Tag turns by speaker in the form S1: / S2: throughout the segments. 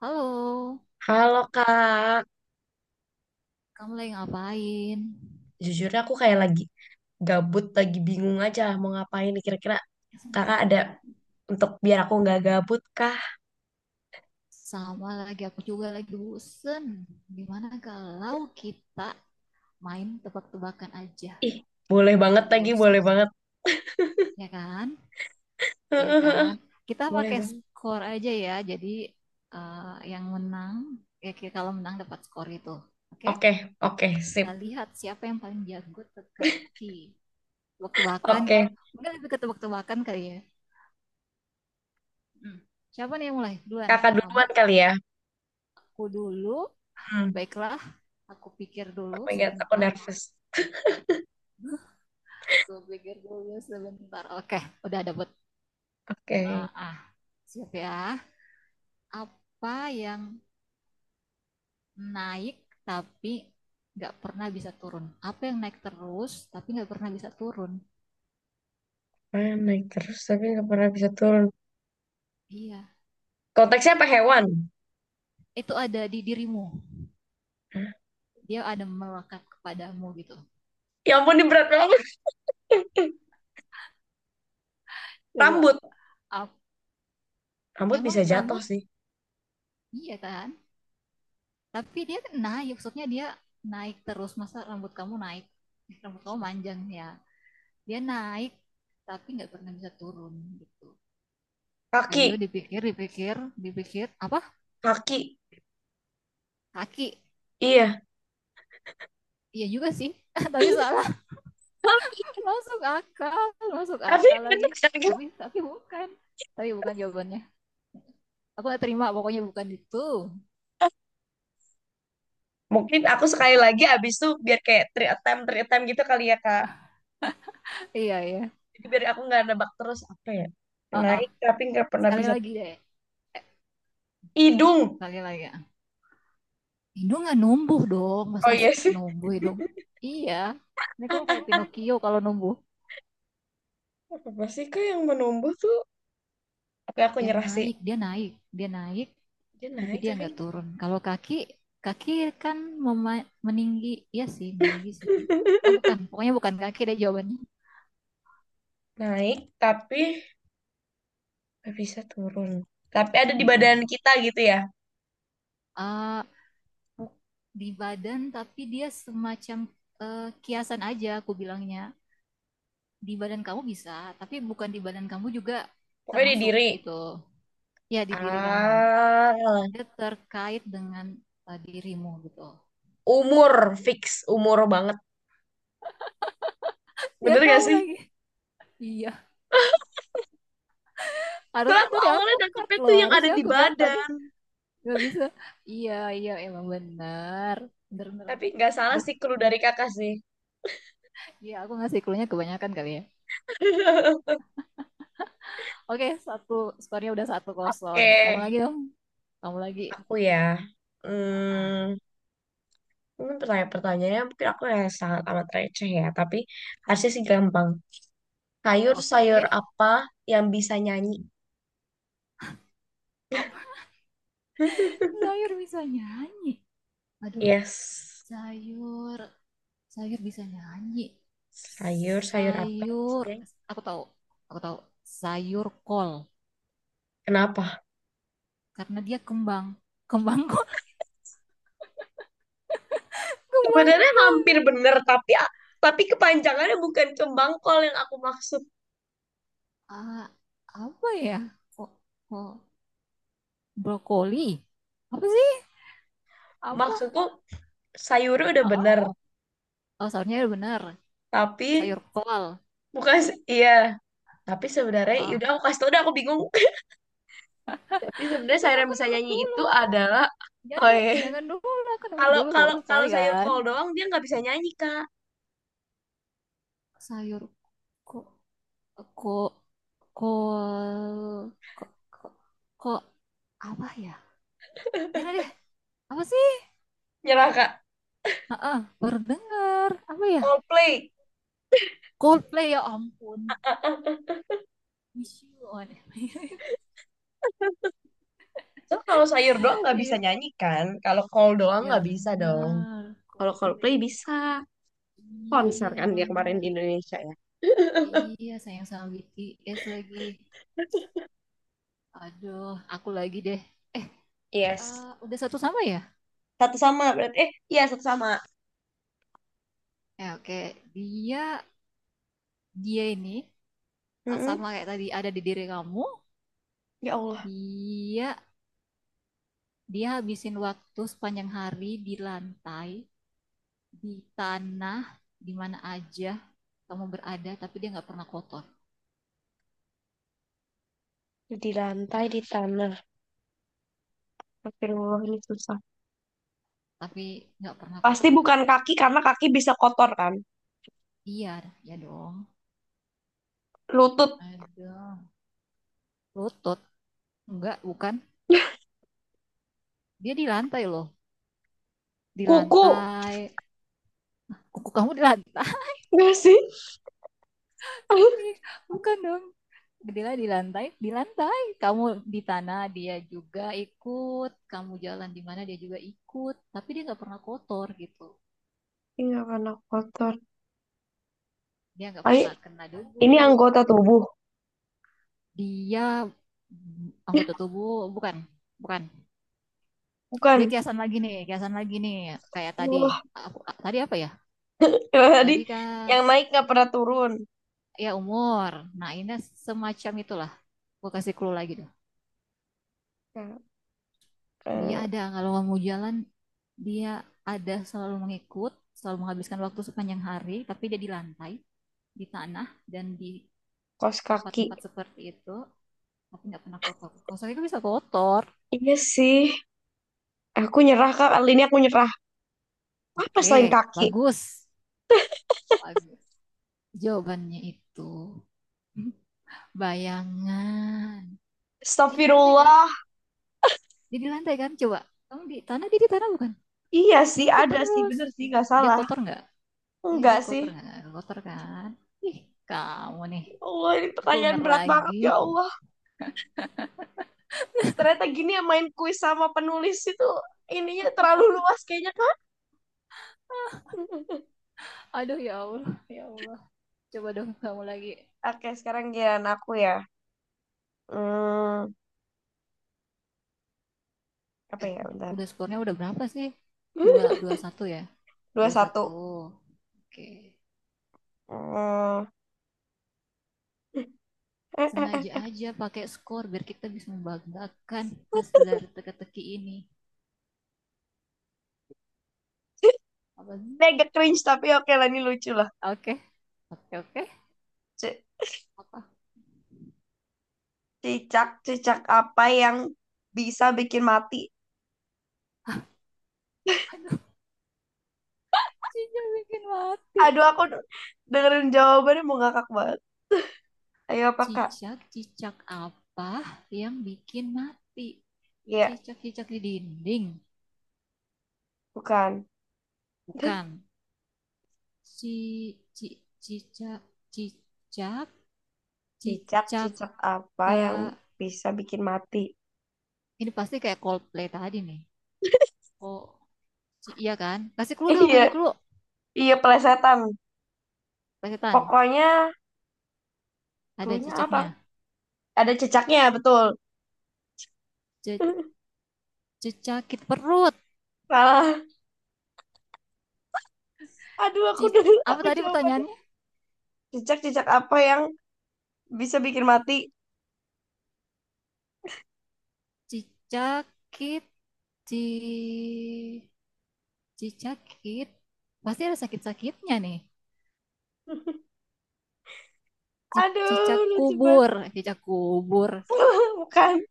S1: Halo,
S2: Halo Kak,
S1: kamu lagi ngapain?
S2: jujurnya aku kayak lagi gabut, lagi bingung aja mau ngapain nih. Kira-kira Kakak ada untuk biar aku nggak gabut kah?
S1: Sama lagi, aku juga lagi bosen. Gimana kalau kita main tebak-tebakan aja,
S2: Ih, boleh
S1: biar
S2: banget
S1: nggak
S2: lagi,
S1: bosan.
S2: boleh banget.
S1: Ya kan? Iya kan? Kita
S2: Boleh
S1: pakai
S2: banget.
S1: skor aja ya, jadi eh, yang menang, ya kalau menang dapat skor itu. Oke?
S2: Oke, oke,
S1: Kita
S2: sip.
S1: lihat siapa yang paling jago teka-teki. Tebak-tebakan,
S2: Oke,
S1: mungkin lebih ke tebak-tebakan kali ya. Hmm. Siapa nih yang mulai? Duluan,
S2: Kakak
S1: kamu?
S2: duluan kali ya.
S1: Aku dulu.
S2: Hmm.
S1: Baiklah, aku pikir
S2: Oh
S1: dulu
S2: my God, aku
S1: sebentar.
S2: nervous.
S1: Aku pikir dulu sebentar. Oke, udah dapet.
S2: Oke,
S1: Ah, ah, siap ya. Apa yang naik tapi nggak pernah bisa turun? Apa yang naik terus tapi nggak pernah bisa turun?
S2: mana naik terus tapi nggak pernah bisa turun?
S1: Iya,
S2: Konteksnya apa hewan?
S1: itu ada di dirimu.
S2: Hah?
S1: Dia ada melekat kepadamu gitu.
S2: Ya ampun, ini berat banget.
S1: Coba.
S2: Rambut.
S1: ap-
S2: Rambut
S1: Emang
S2: bisa jatuh
S1: rambut?
S2: sih.
S1: Iya kan? Tapi dia naik, maksudnya dia naik terus. Masa rambut kamu naik? Rambut kamu panjang ya. Dia naik tapi nggak pernah bisa turun gitu. Paleo
S2: Kaki,
S1: dipikir dipikir dipikir apa
S2: kaki.
S1: kaki
S2: Iya.
S1: iya juga sih tapi salah masuk akal masuk
S2: Tapi
S1: akal lagi
S2: bener kan gitu.
S1: tapi bukan jawabannya aku nggak terima pokoknya bukan itu
S2: Mungkin aku sekali
S1: apa
S2: lagi abis itu biar kayak three attempt gitu kali ya Kak.
S1: iya iya
S2: Jadi biar aku nggak nebak terus apa ya.
S1: ah ah.
S2: Naik tapi nggak pernah
S1: Sekali
S2: bisa.
S1: lagi deh
S2: Hidung.
S1: sekali lagi ah. Indo nggak numbuh dong
S2: Oh
S1: masa
S2: iya
S1: sih
S2: sih.
S1: numbuh ya dong iya ini kamu kayak Pinocchio kalau numbuh
S2: Apa sih Kak yang menumbuh tuh? Oke aku
S1: yang
S2: nyerah sih.
S1: naik dia naik dia naik
S2: Dia
S1: tapi
S2: naik
S1: dia
S2: tapi.
S1: nggak turun. Kalau kaki, kaki kan meninggi, ya sih, meninggi sih. Ah bukan, pokoknya bukan kaki deh jawabannya.
S2: Naik tapi nggak bisa turun. Tapi ada di badan
S1: Mm-mm.
S2: kita gitu ya.
S1: Ah, bu- di badan, tapi dia semacam kiasan aja, aku bilangnya. Di badan kamu bisa, tapi bukan di badan kamu juga
S2: Pokoknya di
S1: termasuk
S2: diri.
S1: gitu. Ya di diri kamu.
S2: Ah,
S1: Dia terkait dengan dirimu gitu.
S2: umur fix, umur banget.
S1: Dia
S2: Bener gak
S1: tahu
S2: sih?
S1: lagi. Iya,
S2: Soalnya
S1: harusnya
S2: aku
S1: tadi aku
S2: awalnya
S1: cut
S2: nangkepnya
S1: loh.
S2: tuh yang ada
S1: Harusnya
S2: di
S1: aku bilang tadi
S2: badan.
S1: gak bisa. Iya, iya, emang benar. Bener, bener,
S2: Tapi
S1: bener.
S2: nggak salah
S1: Duh,
S2: sih clue dari kakak sih.
S1: iya aku ngasih clue-nya kebanyakan kali ya. Oke, skornya udah satu kosong.
S2: Oke,
S1: Kamu lagi dong, kamu lagi.
S2: aku ya.
S1: Ah,
S2: Hmm, mungkin pertanyaan-pertanyaannya mungkin aku ya sangat amat receh ya. Tapi harusnya sih gampang. Sayur sayur
S1: oke.
S2: apa yang bisa nyanyi?
S1: Apa sayur bisa nyanyi? Aduh,
S2: Yes.
S1: sayur, sayur bisa nyanyi.
S2: Sayur sayur apa yang bisa
S1: Sayur,
S2: nyanyi?
S1: aku tahu, aku tahu. Sayur kol,
S2: Kenapa?
S1: karena dia kembang, kembang kol, kembang
S2: Sebenarnya hampir
S1: kol.
S2: bener, tapi kepanjangannya bukan kembang kol yang aku maksud.
S1: Ah, apa ya? Kok, kok, brokoli apa sih apa
S2: Maksudku sayurnya udah
S1: Heeh.
S2: bener,
S1: Oh sayurnya benar
S2: tapi
S1: sayur kol
S2: bukan iya. Tapi sebenarnya,
S1: Heeh.
S2: yaudah aku kasih tau, udah aku bingung. Tapi
S1: Itu
S2: sebenarnya sayur
S1: nggak
S2: yang
S1: aku
S2: bisa
S1: nebak
S2: nyanyi itu
S1: dulu
S2: adalah
S1: jangan
S2: oh iya.
S1: jangan dulu aku nebak
S2: Kalau
S1: dulu
S2: kalau
S1: baru
S2: kalau
S1: sekali
S2: sayur
S1: kan
S2: kol doang dia nggak bisa nyanyi Kak.
S1: sayur kok kok kol kok kok kok apa ya nyerah deh apa sih
S2: Nyerah Kak.
S1: Heeh, baru dengar apa ya
S2: Coldplay.
S1: Coldplay ya ampun wish you on
S2: So kalau sayur doang nggak bisa
S1: iya
S2: nyanyi kan? Kalau kol doang
S1: ya
S2: nggak bisa dong.
S1: benar
S2: Kalau
S1: Coldplay
S2: Coldplay bisa
S1: iya
S2: konser
S1: iya
S2: kan
S1: emang
S2: dia kemarin
S1: benar
S2: di Indonesia ya.
S1: Iya, sayang sama BTS lagi. Aduh, aku lagi deh. Eh,
S2: Yes.
S1: udah satu sama ya?
S2: Satu sama berarti. Eh, iya satu sama.
S1: Ya, oke. Dia, dia ini
S2: Mm-mm.
S1: sama kayak tadi ada di diri kamu.
S2: Ya Allah,
S1: Dia, dia habisin waktu sepanjang hari di lantai, di tanah, di mana aja kamu berada, tapi dia nggak pernah kotor.
S2: di lantai di tanah. Astagfirullah ini susah.
S1: Tapi nggak pernah
S2: Pasti
S1: kotor.
S2: bukan kaki karena kaki bisa kotor kan.
S1: Iya, ya dong.
S2: Lutut,
S1: Aduh, lutut. Enggak, bukan. Dia di lantai loh. Di
S2: kuku.
S1: lantai, kuku kamu di lantai
S2: Enggak sih?
S1: bukan dong Gedela di lantai kamu di tanah dia juga ikut kamu jalan di mana dia juga ikut tapi dia nggak pernah kotor gitu
S2: Iya karena kotor.
S1: dia nggak
S2: Tapi
S1: pernah kena debu
S2: ini anggota tubuh,
S1: dia anggota tubuh bukan bukan dia
S2: bukan.
S1: kiasan lagi nih kayak tadi
S2: Wah,
S1: aku tadi apa ya
S2: tadi
S1: tadi kan
S2: yang naik nggak pernah turun.
S1: ya umur nah ini semacam itulah gue kasih clue lagi
S2: Nah,
S1: Dia
S2: eh,
S1: ada kalau mau jalan dia ada selalu mengikut, selalu menghabiskan waktu sepanjang hari, tapi dia di lantai, di tanah dan di
S2: kos kaki.
S1: tempat-tempat seperti itu, tapi nggak pernah kotor. Kotor itu bisa kotor.
S2: Iya sih. Aku nyerah kak, kali ini aku nyerah. Apa selain
S1: Oke,
S2: kaki?
S1: bagus. Bagus. Jawabannya itu bayangan. Dia di lantai kan?
S2: Astagfirullah.
S1: Dia di lantai kan? Coba. Kamu di tanah, dia di tanah bukan?
S2: Iya
S1: Dia
S2: sih,
S1: ikut
S2: ada sih.
S1: terus.
S2: Bener sih, nggak
S1: Dia
S2: salah.
S1: kotor nggak? Iya,
S2: Enggak
S1: dia
S2: sih.
S1: kotor. Nggak kotor kan? Ih, kamu nih.
S2: Ya Allah, ini
S1: Aku
S2: pertanyaan
S1: bener
S2: berat
S1: lagi.
S2: banget ya Allah. Ternyata gini ya main kuis sama penulis itu. Ininya terlalu luas kayaknya kan.
S1: Aduh ya Allah, ya Allah. Coba dong kamu lagi.
S2: Oke, sekarang giliran aku ya. Hmm, apa
S1: Eh,
S2: ya, bentar.
S1: udah skornya udah berapa sih? Dua, dua satu ya?
S2: Dua
S1: Dua
S2: satu.
S1: satu. Oke.
S2: Hmm. Eh, eh,
S1: Sengaja
S2: eh.
S1: aja pakai skor biar kita bisa membanggakan hasil dari teka-teki ini. Apa
S2: Ini
S1: sih?
S2: agak cringe tapi oke lah ini lucu lah.
S1: Oke, oke, oke.
S2: C-
S1: Apa?
S2: Cicak-cicak apa yang bisa bikin mati?
S1: Aduh, cicak bikin mati.
S2: Aduh aku dengerin jawabannya mau ngakak banget. Ayo apa kak?
S1: Cicak, cicak apa yang bikin mati?
S2: Iya,
S1: Cicak-cicak di dinding?
S2: bukan.
S1: Bukan. Ci ci cicak cicak cicaka
S2: Cicak-cicak apa yang bisa bikin mati?
S1: ini pasti kayak Coldplay tadi nih oh iya kan kasih clue dong kasih
S2: Iya,
S1: clue
S2: iya pelesetan.
S1: Pak
S2: Pokoknya
S1: ada
S2: cluenya apa?
S1: cicaknya
S2: Ada cicaknya, betul.
S1: Ce, cicakit perut
S2: Salah. Aduh aku
S1: ci,
S2: denger
S1: apa
S2: aku
S1: tadi
S2: jawabannya.
S1: pertanyaannya
S2: Cicak-cicak apa yang bisa bikin mati?
S1: cicakit ci cicakit pasti ada sakit-sakitnya nih Cicak
S2: Aduh, lucu
S1: kubur
S2: banget.
S1: Cicak kubur
S2: Bukan,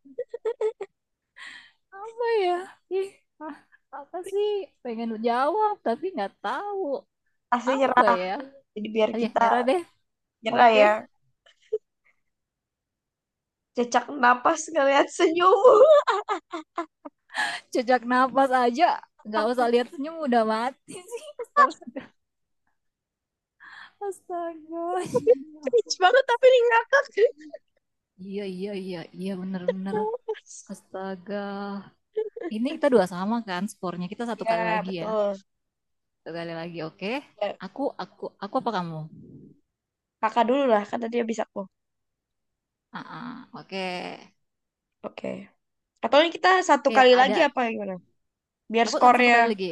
S1: apa ya ih ah, apa sih pengen jawab tapi nggak tahu
S2: pasti
S1: apa
S2: nyerah.
S1: ya
S2: Jadi biar
S1: Ah, ya
S2: kita
S1: nyerah deh
S2: nyerah
S1: oke
S2: ya. Cecak napas ngeliat senyummu.
S1: jejak napas aja nggak usah lihat senyum udah mati sih astaga astaga
S2: Cringe banget tapi ini ngakak.
S1: iya iya iya iya bener bener astaga ini kita dua sama kan skornya kita satu kali
S2: Ya,
S1: lagi ya
S2: betul.
S1: satu kali lagi oke
S2: Ya,
S1: aku apa kamu
S2: kakak dulu lah, kan tadi habis aku.
S1: ah ah, oke
S2: Oke. Atau ini kita satu
S1: oke
S2: kali lagi
S1: ada
S2: apa gimana? Biar
S1: aku satu kali
S2: skornya,
S1: lagi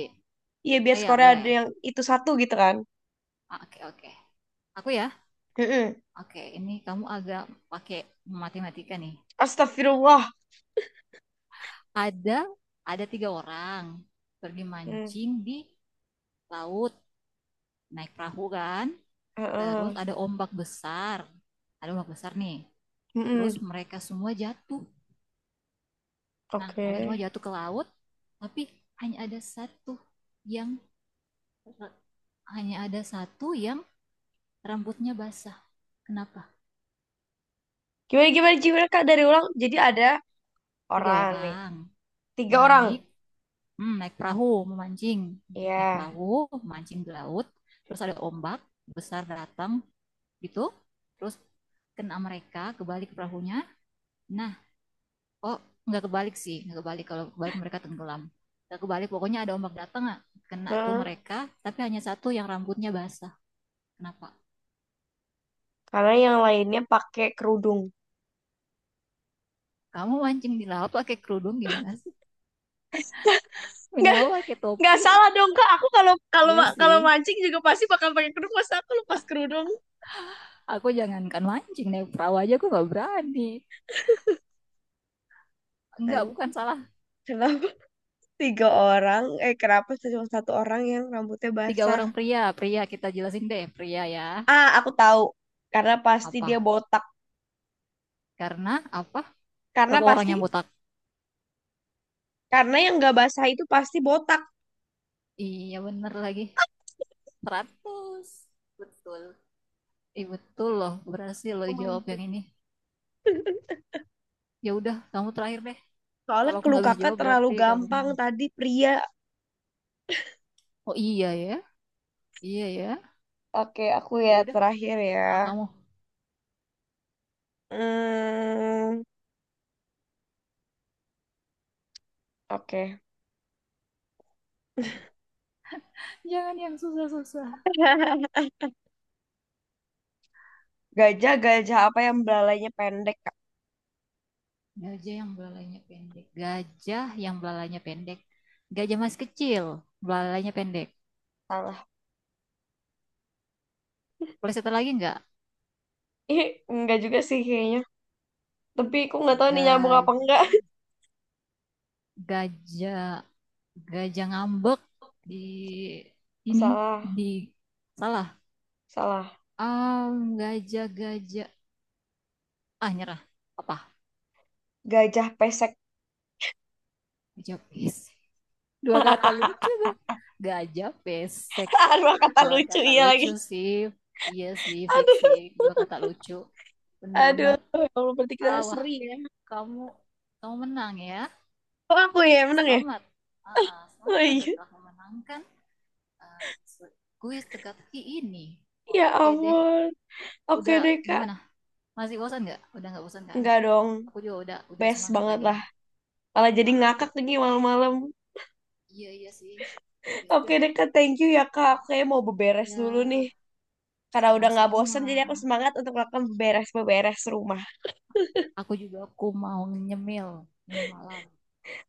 S2: iya biar
S1: Iya,
S2: skornya ada
S1: boleh.
S2: yang itu satu gitu kan.
S1: Ah, oke, oke. Aku ya.
S2: Mm-mm.
S1: Oke, ini kamu agak pakai matematika nih.
S2: Astagfirullah.
S1: Ada ada tiga orang pergi
S2: Mm.
S1: mancing di laut naik perahu kan. Terus
S2: Heeh.
S1: ada ombak besar. Ada ombak besar nih.
S2: Mm-mm.
S1: Terus mereka semua jatuh. Nah, mereka
S2: Oke.
S1: semua jatuh ke laut, tapi hanya ada satu yang hanya ada satu yang rambutnya basah. Kenapa?
S2: Gimana Kak dari ulang? Jadi ada
S1: Tiga
S2: orang nih.
S1: orang
S2: Tiga orang.
S1: naik naik perahu, memancing. Naik
S2: Ya.
S1: perahu, mancing di laut. Terus ada ombak besar datang gitu. Terus kena mereka, kebalik perahunya. Nah, oh nggak kebalik sih, nggak kebalik. Kalau kebalik mereka tenggelam. Nggak kebalik, pokoknya ada ombak datang, ah, kena tuh
S2: Heeh.
S1: mereka. Tapi hanya satu yang rambutnya basah. Kenapa?
S2: Karena yang lainnya pakai kerudung.
S1: Kamu mancing di laut pakai kerudung gimana sih?
S2: Nggak,
S1: Minimal pakai
S2: nggak
S1: topi.
S2: salah dong kak. Aku kalau kalau
S1: Iya sih.
S2: kalau mancing juga pasti bakal pakai kerudung. Masa aku lepas kerudung?
S1: Aku jangankan mancing naik perahu aja aku nggak berani. Enggak,
S2: An-
S1: bukan salah
S2: Kenapa tiga orang, eh kenapa cuma satu orang yang rambutnya
S1: Tiga
S2: basah?
S1: orang pria, pria kita jelasin deh, pria ya.
S2: Ah, aku tahu. Karena pasti dia
S1: Apa?
S2: botak.
S1: Karena apa?
S2: Karena
S1: Berapa orang
S2: pasti,
S1: yang botak?
S2: karena yang nggak basah itu pasti botak.
S1: Iya bener lagi. 100 Betul. Iya betul loh, berhasil lo
S2: Oh my
S1: dijawab
S2: God.
S1: yang ini. Ya udah, kamu terakhir deh.
S2: Soalnya
S1: Kalau aku
S2: kelu
S1: nggak bisa
S2: kakak
S1: jawab
S2: terlalu
S1: berarti kamu
S2: gampang
S1: menang.
S2: tadi pria.
S1: Oh iya ya, iya ya.
S2: Oke, aku
S1: Ya
S2: ya
S1: udah,
S2: terakhir ya.
S1: nah, kamu.
S2: Hmm, oke.
S1: Jangan yang susah-susah.
S2: Gajah, gajah apa yang belalainya pendek, Kak?
S1: Gajah yang belalainya pendek. Gajah yang belalainya pendek. Gajah masih kecil, belalainya pendek.
S2: Salah.
S1: Boleh satu lagi nggak?
S2: Ih, enggak juga sih kayaknya. Tapi aku nggak tahu nih nyambung
S1: Ga-
S2: apa enggak.
S1: gajah Gajah ngambek di ini
S2: Salah,
S1: di salah.
S2: salah.
S1: Ah, gajah-gajah. Ah, nyerah. Apa?
S2: Gajah pesek.
S1: Gajah pesek. Dua kata lucu tuh. Gajah pesek.
S2: Aduh kata
S1: Dua
S2: lucu
S1: kata
S2: iya lagi.
S1: lucu sih. Iya sih, fiksi.
S2: Aduh,
S1: Dua kata lucu.
S2: aduh.
S1: Benar-benar.
S2: Ya Allah, berarti kita
S1: Ah, wah,
S2: seri ya.
S1: kamu kamu menang ya.
S2: Oh, aku ya yang menang ya?
S1: Selamat.
S2: Oh
S1: Selamat Anda
S2: iya.
S1: telah memenangkan eh, kuis teka-teki ini.
S2: Ya
S1: Oke deh.
S2: ampun. Oke
S1: Udah
S2: deh, Kak.
S1: gimana? Masih bosan nggak? Udah nggak bosan kan?
S2: Enggak dong.
S1: Aku juga udah
S2: Best
S1: semangat
S2: banget
S1: lagi
S2: lah.
S1: nih.
S2: Malah jadi
S1: Ah,
S2: ngakak lagi malam-malam.
S1: iya iya sih. Ya
S2: Oke
S1: udah.
S2: deh, Kak. Thank you ya, Kak. Aku
S1: Ah,
S2: kayaknya mau beberes
S1: ya
S2: dulu nih. Karena udah nggak bosen,
S1: sama-sama.
S2: jadi aku semangat untuk melakukan beres-beres rumah.
S1: Aku juga aku mau nyemil, nyemil malam.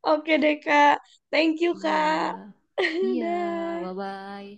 S2: Oke deh, Kak. Thank you,
S1: Iya.
S2: Kak.
S1: Iya,
S2: Dadah.
S1: bye-bye.